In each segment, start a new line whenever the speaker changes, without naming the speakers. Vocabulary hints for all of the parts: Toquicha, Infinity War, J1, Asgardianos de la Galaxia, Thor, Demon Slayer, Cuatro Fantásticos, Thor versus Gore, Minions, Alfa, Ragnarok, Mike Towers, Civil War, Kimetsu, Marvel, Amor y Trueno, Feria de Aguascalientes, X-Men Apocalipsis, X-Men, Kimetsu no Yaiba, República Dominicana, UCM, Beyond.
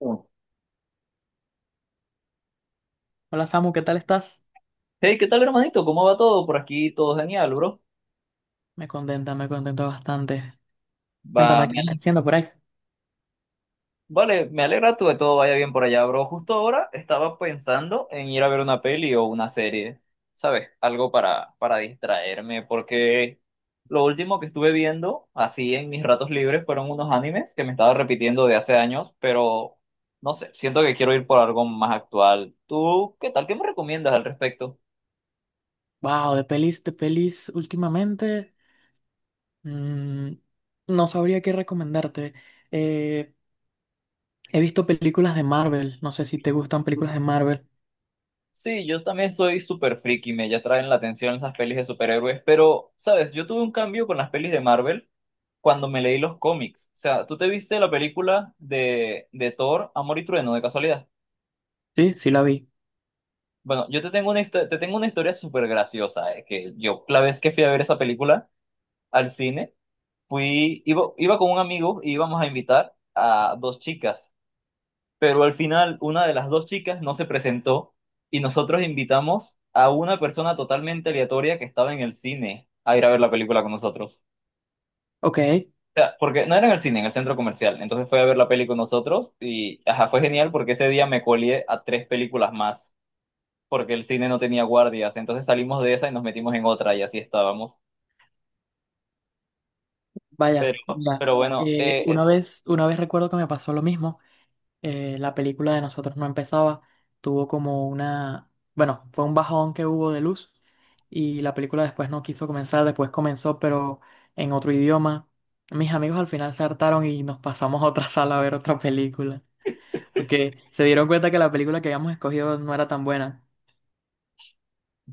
Uno.
Hola Samu, ¿qué tal estás?
Hey, ¿qué tal, hermanito? ¿Cómo va todo? Por aquí todo genial, bro.
Me contenta, me contento bastante.
Va,
Cuéntame,
me
¿qué estás
ale-
haciendo por ahí?
vale, me alegra tú de todo vaya bien por allá, bro. Justo ahora estaba pensando en ir a ver una peli o una serie, ¿sabes? Algo para distraerme, porque lo último que estuve viendo, así en mis ratos libres, fueron unos animes que me estaba repitiendo de hace años, pero no sé, siento que quiero ir por algo más actual. ¿Tú qué tal? ¿Qué me recomiendas al respecto?
Wow, de pelis últimamente. mm, no sabría qué recomendarte. Eh, He visto películas de Marvel. No sé si te gustan películas de Marvel.
Sí, yo también soy súper friki, me ya traen la atención esas pelis de superhéroes, pero, ¿sabes? Yo tuve un cambio con las pelis de Marvel cuando me leí los cómics. O sea, ¿tú te viste la película de Thor, Amor y Trueno, de casualidad?
Sí, sí la vi.
Bueno, yo te tengo te tengo una historia súper graciosa, que yo la vez que fui a ver esa película al cine, iba con un amigo y íbamos a invitar a dos chicas. Pero al final una de las dos chicas no se presentó y nosotros invitamos a una persona totalmente aleatoria que estaba en el cine a ir a ver la película con nosotros.
Ok,
O sea, porque no era en el cine, en el centro comercial. Entonces fue a ver la peli con nosotros y ajá, fue genial porque ese día me colié a tres películas más porque el cine no tenía guardias. Entonces salimos de esa y nos metimos en otra y así estábamos. Pero,
vaya, ya.
pero bueno,
Una vez, una vez recuerdo que me pasó lo mismo. La película de nosotros no empezaba, tuvo como una, bueno, fue un bajón que hubo de luz y la película después no quiso comenzar, después comenzó pero en otro idioma. Mis amigos al final se hartaron y nos pasamos a otra sala a ver otra película, porque se dieron cuenta que la película que habíamos escogido no era tan buena.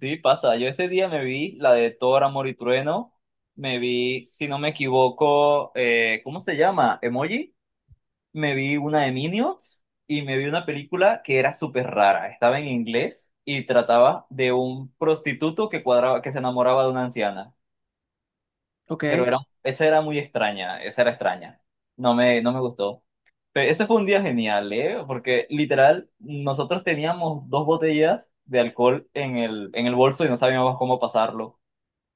sí, pasa. Yo ese día me vi la de Thor, Amor y Trueno. Me vi, si no me equivoco, ¿cómo se llama? ¿Emoji? Me vi una de Minions y me vi una película que era súper rara. Estaba en inglés y trataba de un prostituto que cuadraba, que se enamoraba de una anciana.
Ok,
Pero era, esa era muy extraña, esa era extraña. No me gustó. Pero ese fue un día genial, ¿eh? Porque literal, nosotros teníamos dos botellas de alcohol en en el bolso y no sabíamos cómo pasarlo.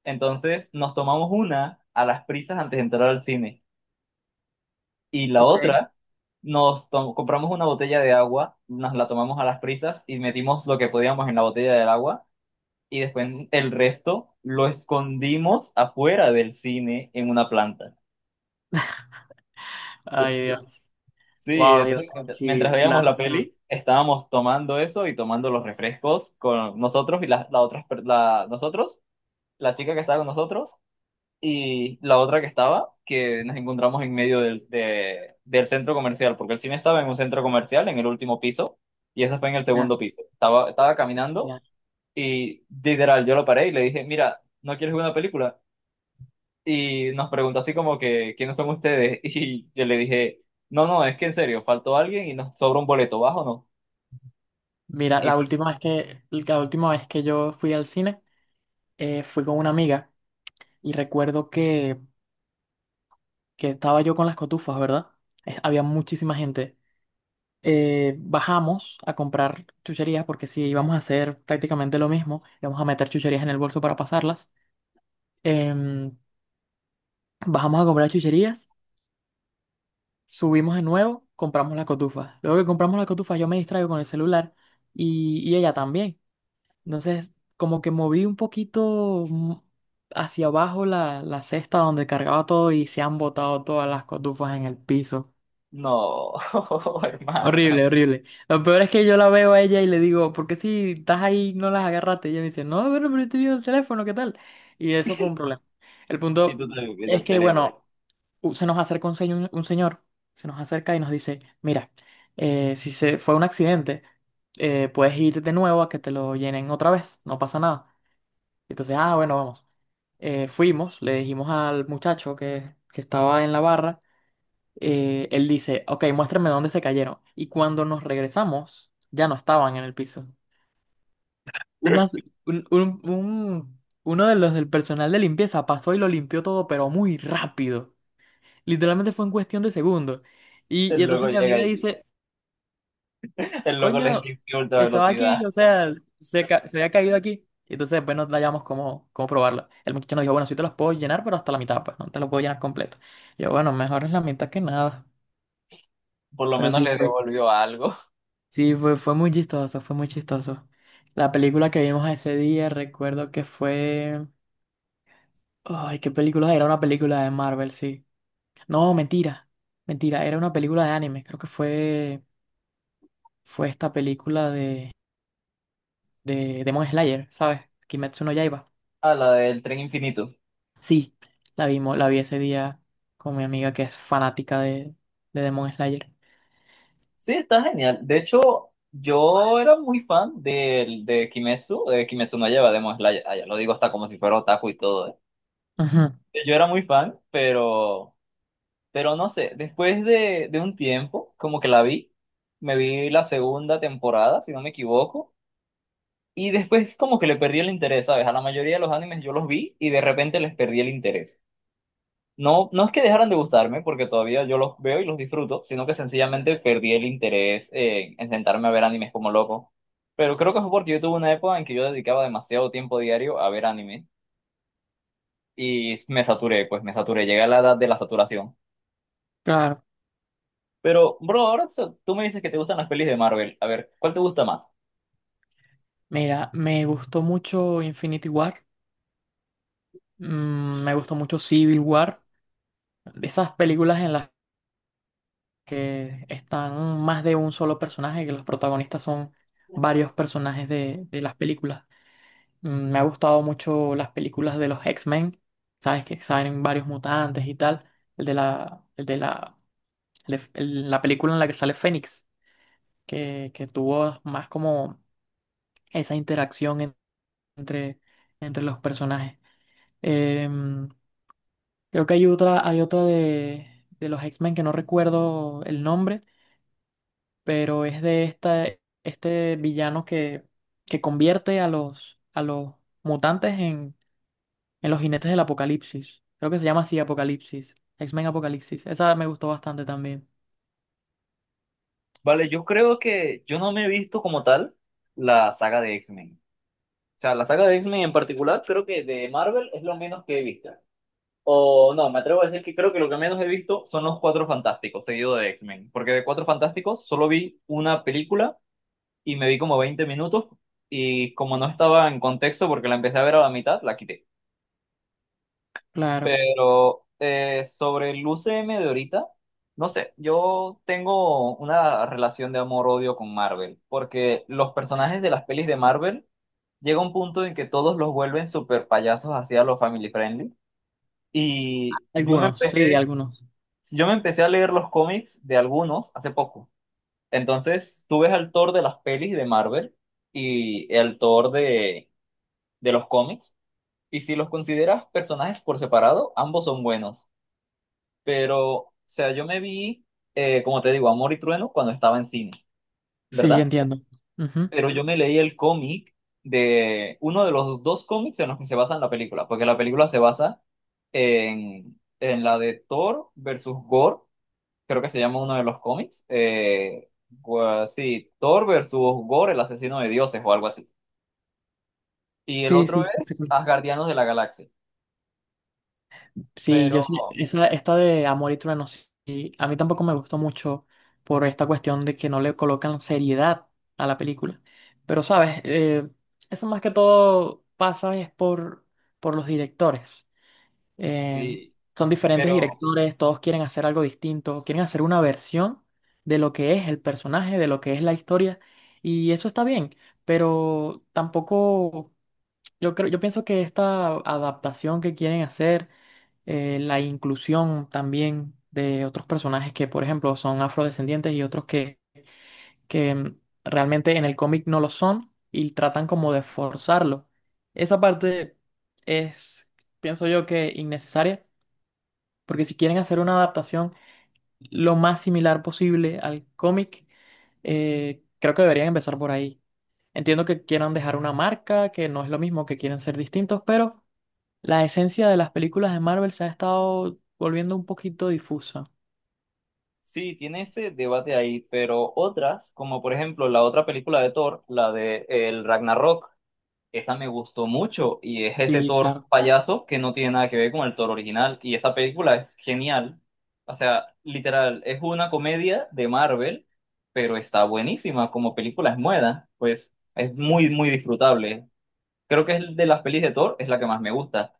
Entonces nos tomamos una a las prisas antes de entrar al cine y la
ok.
otra compramos una botella de agua, nos la tomamos a las prisas y metimos lo que podíamos en la botella del agua y después el resto lo escondimos afuera del cine en una planta.
Ay, Dios.
Sí,
Wow, Dios.
entonces, mientras
Sí, la
veíamos la
cuestión.
peli, estábamos tomando eso y tomando los refrescos con nosotros y las la otras per- la, nosotros, la chica que estaba con nosotros y la otra que estaba, que nos encontramos en medio del centro comercial, porque el cine estaba en un centro comercial, en el último piso, y esa fue en el
Ya,
segundo piso. Estaba
ya.
caminando y literal, yo lo paré y le dije, mira, ¿no quieres ver una película? Y nos preguntó así como que, ¿quiénes son ustedes? Y yo le dije, no, es que en serio, faltó alguien y nos sobra un boleto, ¿vas o no?
Mira,
Y
la
fue,
última vez que, la última vez que yo fui al cine, fui con una amiga. Y recuerdo que estaba yo con las cotufas, ¿verdad? Había muchísima gente. Bajamos a comprar chucherías porque sí, íbamos a hacer prácticamente lo mismo. Íbamos a meter chucherías en el bolso para pasarlas. Em, Bajamos a comprar chucherías, subimos de nuevo, compramos la cotufa. Luego que compramos la cotufa, yo me distraigo con el celular y ella también. Entonces, como que moví un poquito hacia abajo la cesta donde cargaba todo y se han botado todas las cotufas en el piso.
no, hermano.
Horrible, horrible. Lo peor es que yo la veo a ella y le digo, ¿por qué si estás ahí no las agarraste? Y ella me dice, no, pero estoy viendo el teléfono, ¿qué tal? Y eso fue un problema. El
Y tú
punto
te viendo
es
el
que,
teléfono.
bueno, se nos acerca un señor, se nos acerca y nos dice, mira, si se fue un accidente, puedes ir de nuevo a que te lo llenen otra vez, no pasa nada. Entonces, ah, bueno, vamos. Fuimos, le dijimos al muchacho que estaba en la barra él dice, ok, muéstrame dónde se cayeron. Y cuando nos regresamos, ya no estaban en el piso. Unas- uno de los del personal de limpieza pasó y lo limpió todo, pero muy rápido. Literalmente fue en cuestión de segundos. Y
El loco
entonces mi
llega
amiga
y
dice,
el loco les
coño,
limpió ultra
estaba aquí,
velocidad.
o sea, se había caído aquí. Y entonces después nos hallamos cómo, cómo probarla. El muchacho nos dijo, bueno, sí te las puedo llenar, pero hasta la mitad, pues no te las puedo llenar completo. Yo, bueno, mejor es la mitad que nada.
Por lo
Pero
menos
sí
le
fue.
devolvió algo
Sí, fue, fue muy chistoso, fue muy chistoso. La película que vimos ese día, recuerdo que fue... Ay, ¿qué película? Era una película de Marvel, sí. No, mentira, mentira, era una película de anime. Creo que fue, fue esta película de Demon Slayer, ¿sabes? Kimetsu no Yaiba.
a la del Tren Infinito.
Sí, la vimos, la vi ese día con mi amiga que es fanática de Demon Slayer.
Sí, está genial. De hecho, yo era muy fan del de Kimetsu no lleva Demon Slayer. Ah, ya lo digo hasta como si fuera otaku y todo.
Ujú,
Yo era muy fan, pero no sé, después de un tiempo, como que la vi, me vi la segunda temporada, si no me equivoco, y después como que le perdí el interés, ¿sabes? A la mayoría de los animes yo los vi y de repente les perdí el interés. No es que dejaran de gustarme, porque todavía yo los veo y los disfruto, sino que sencillamente perdí el interés en sentarme a ver animes como loco. Pero creo que fue porque yo tuve una época en que yo dedicaba demasiado tiempo diario a ver anime y me saturé, pues me saturé, llegué a la edad de la saturación.
claro,
Pero, bro, tú me dices que te gustan las pelis de Marvel. A ver, ¿cuál te gusta más?
mira, me gustó mucho Infinity War, me gustó mucho Civil War. De esas películas en las que están más de un solo personaje, que los protagonistas son varios personajes de las películas. Me ha gustado mucho las películas de los X-Men, sabes que salen varios mutantes y tal. El de la, el de la, el de- el- la película en la que sale Fénix, que tuvo más como esa entre, entre los personajes. Em, Creo que hay otra de los X-Men que no recuerdo el nombre pero es de esta, este villano que convierte a los mutantes en los jinetes del apocalipsis. Creo que se llama así Apocalipsis, X-Men Apocalipsis. Esa me gustó bastante también.
Vale, yo creo que yo no me he visto como tal la saga de X-Men. O sea, la saga de X-Men en particular, creo que de Marvel es lo menos que he visto. O no, me atrevo a decir que creo que lo que menos he visto son los Cuatro Fantásticos, seguido de X-Men. Porque de Cuatro Fantásticos solo vi una película y me vi como 20 minutos. Y como no estaba en contexto porque la empecé a ver a la mitad, la quité.
Claro,
Pero sobre el UCM de ahorita, no sé, yo tengo una relación de amor-odio con Marvel. Porque los personajes de las pelis de Marvel llega un punto en que todos los vuelven super payasos hacia los family friendly. Y yo me empecé.
algunos.
Sí, yo me empecé a leer los cómics de algunos hace poco. Entonces, tú ves al Thor de las pelis de Marvel y el Thor de los cómics. Y si los consideras personajes por separado, ambos son buenos. Pero, o sea, yo me vi, como te digo, Amor y Trueno cuando estaba en cine,
Sí,
¿verdad?
entiendo. Ujú.
Pero yo me leí el cómic de uno de los dos cómics en los que se basa la película, porque la película se basa en la de Thor versus Gore creo que se llama uno de los cómics. Sí, Thor versus Gore, el asesino de dioses o algo así. Y el
Sí,
otro
sí, sí, sí.
es
Sí.
Asgardianos de la Galaxia.
Sí,
Pero,
yo sí, esa, esta de Amor y Trueno, sí, a mí tampoco me gustó mucho por esta cuestión de que no le colocan seriedad a la película. Pero, ¿sabes? Eso más que todo pasa es por los directores. Eh,
sí,
Son diferentes
pero
directores, todos quieren hacer algo distinto, quieren hacer una versión de lo que es el personaje, de lo que es la historia, y eso está bien, pero tampoco... Yo creo, yo pienso que esta adaptación que quieren hacer, la inclusión también de otros personajes que, por ejemplo, son afrodescendientes y otros que realmente en el cómic no lo son y tratan como de forzarlo. Esa parte es, pienso yo, que innecesaria, porque si quieren hacer una adaptación lo más similar posible al cómic, creo que deberían empezar por ahí. Entiendo que quieran dejar una marca, que no es lo mismo, que quieren ser distintos, pero la esencia de las películas de Marvel se ha estado volviendo un poquito difusa.
sí, tiene ese debate ahí. Pero otras, como por ejemplo la otra película de Thor, la de el Ragnarok. Esa me gustó mucho y es ese
Sí,
toro
claro.
payaso que no tiene nada que ver con el toro original y esa película es genial. O sea, literal, es una comedia de Marvel, pero está buenísima como película es muda, pues es muy, muy disfrutable. Creo que es de las pelis de Thor, es la que más me gusta.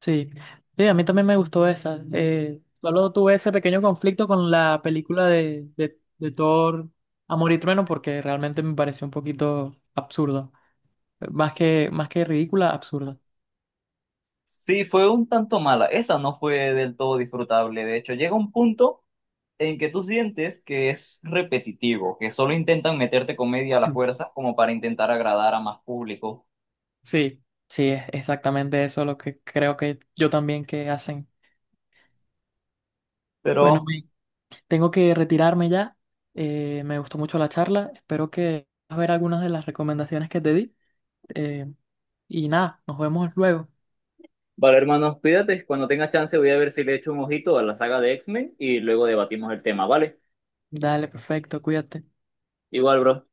Sí, sí, a mí también me gustó esa. Solo tuve ese pequeño conflicto con la película de Thor, Amor y Trueno, porque realmente me pareció un poquito absurda. Más que ridícula, absurda.
Sí, fue un tanto mala, esa no fue del todo disfrutable. De hecho, llega un punto en que tú sientes que es repetitivo, que solo intentan meterte comedia a la fuerza como para intentar agradar a más público.
Sí, sí, es exactamente eso lo que creo que yo también que hacen. Bueno,
Pero,
tengo que retirarme ya. Me gustó mucho la charla. Espero que puedas ver algunas de las recomendaciones que te di. Eh, y nada, nos vemos luego.
vale, hermano, cuídate. Cuando tenga chance, voy a ver si le echo un ojito a la saga de X-Men y luego debatimos el tema, ¿vale?
Dale, perfecto, cuídate.
Igual, bro.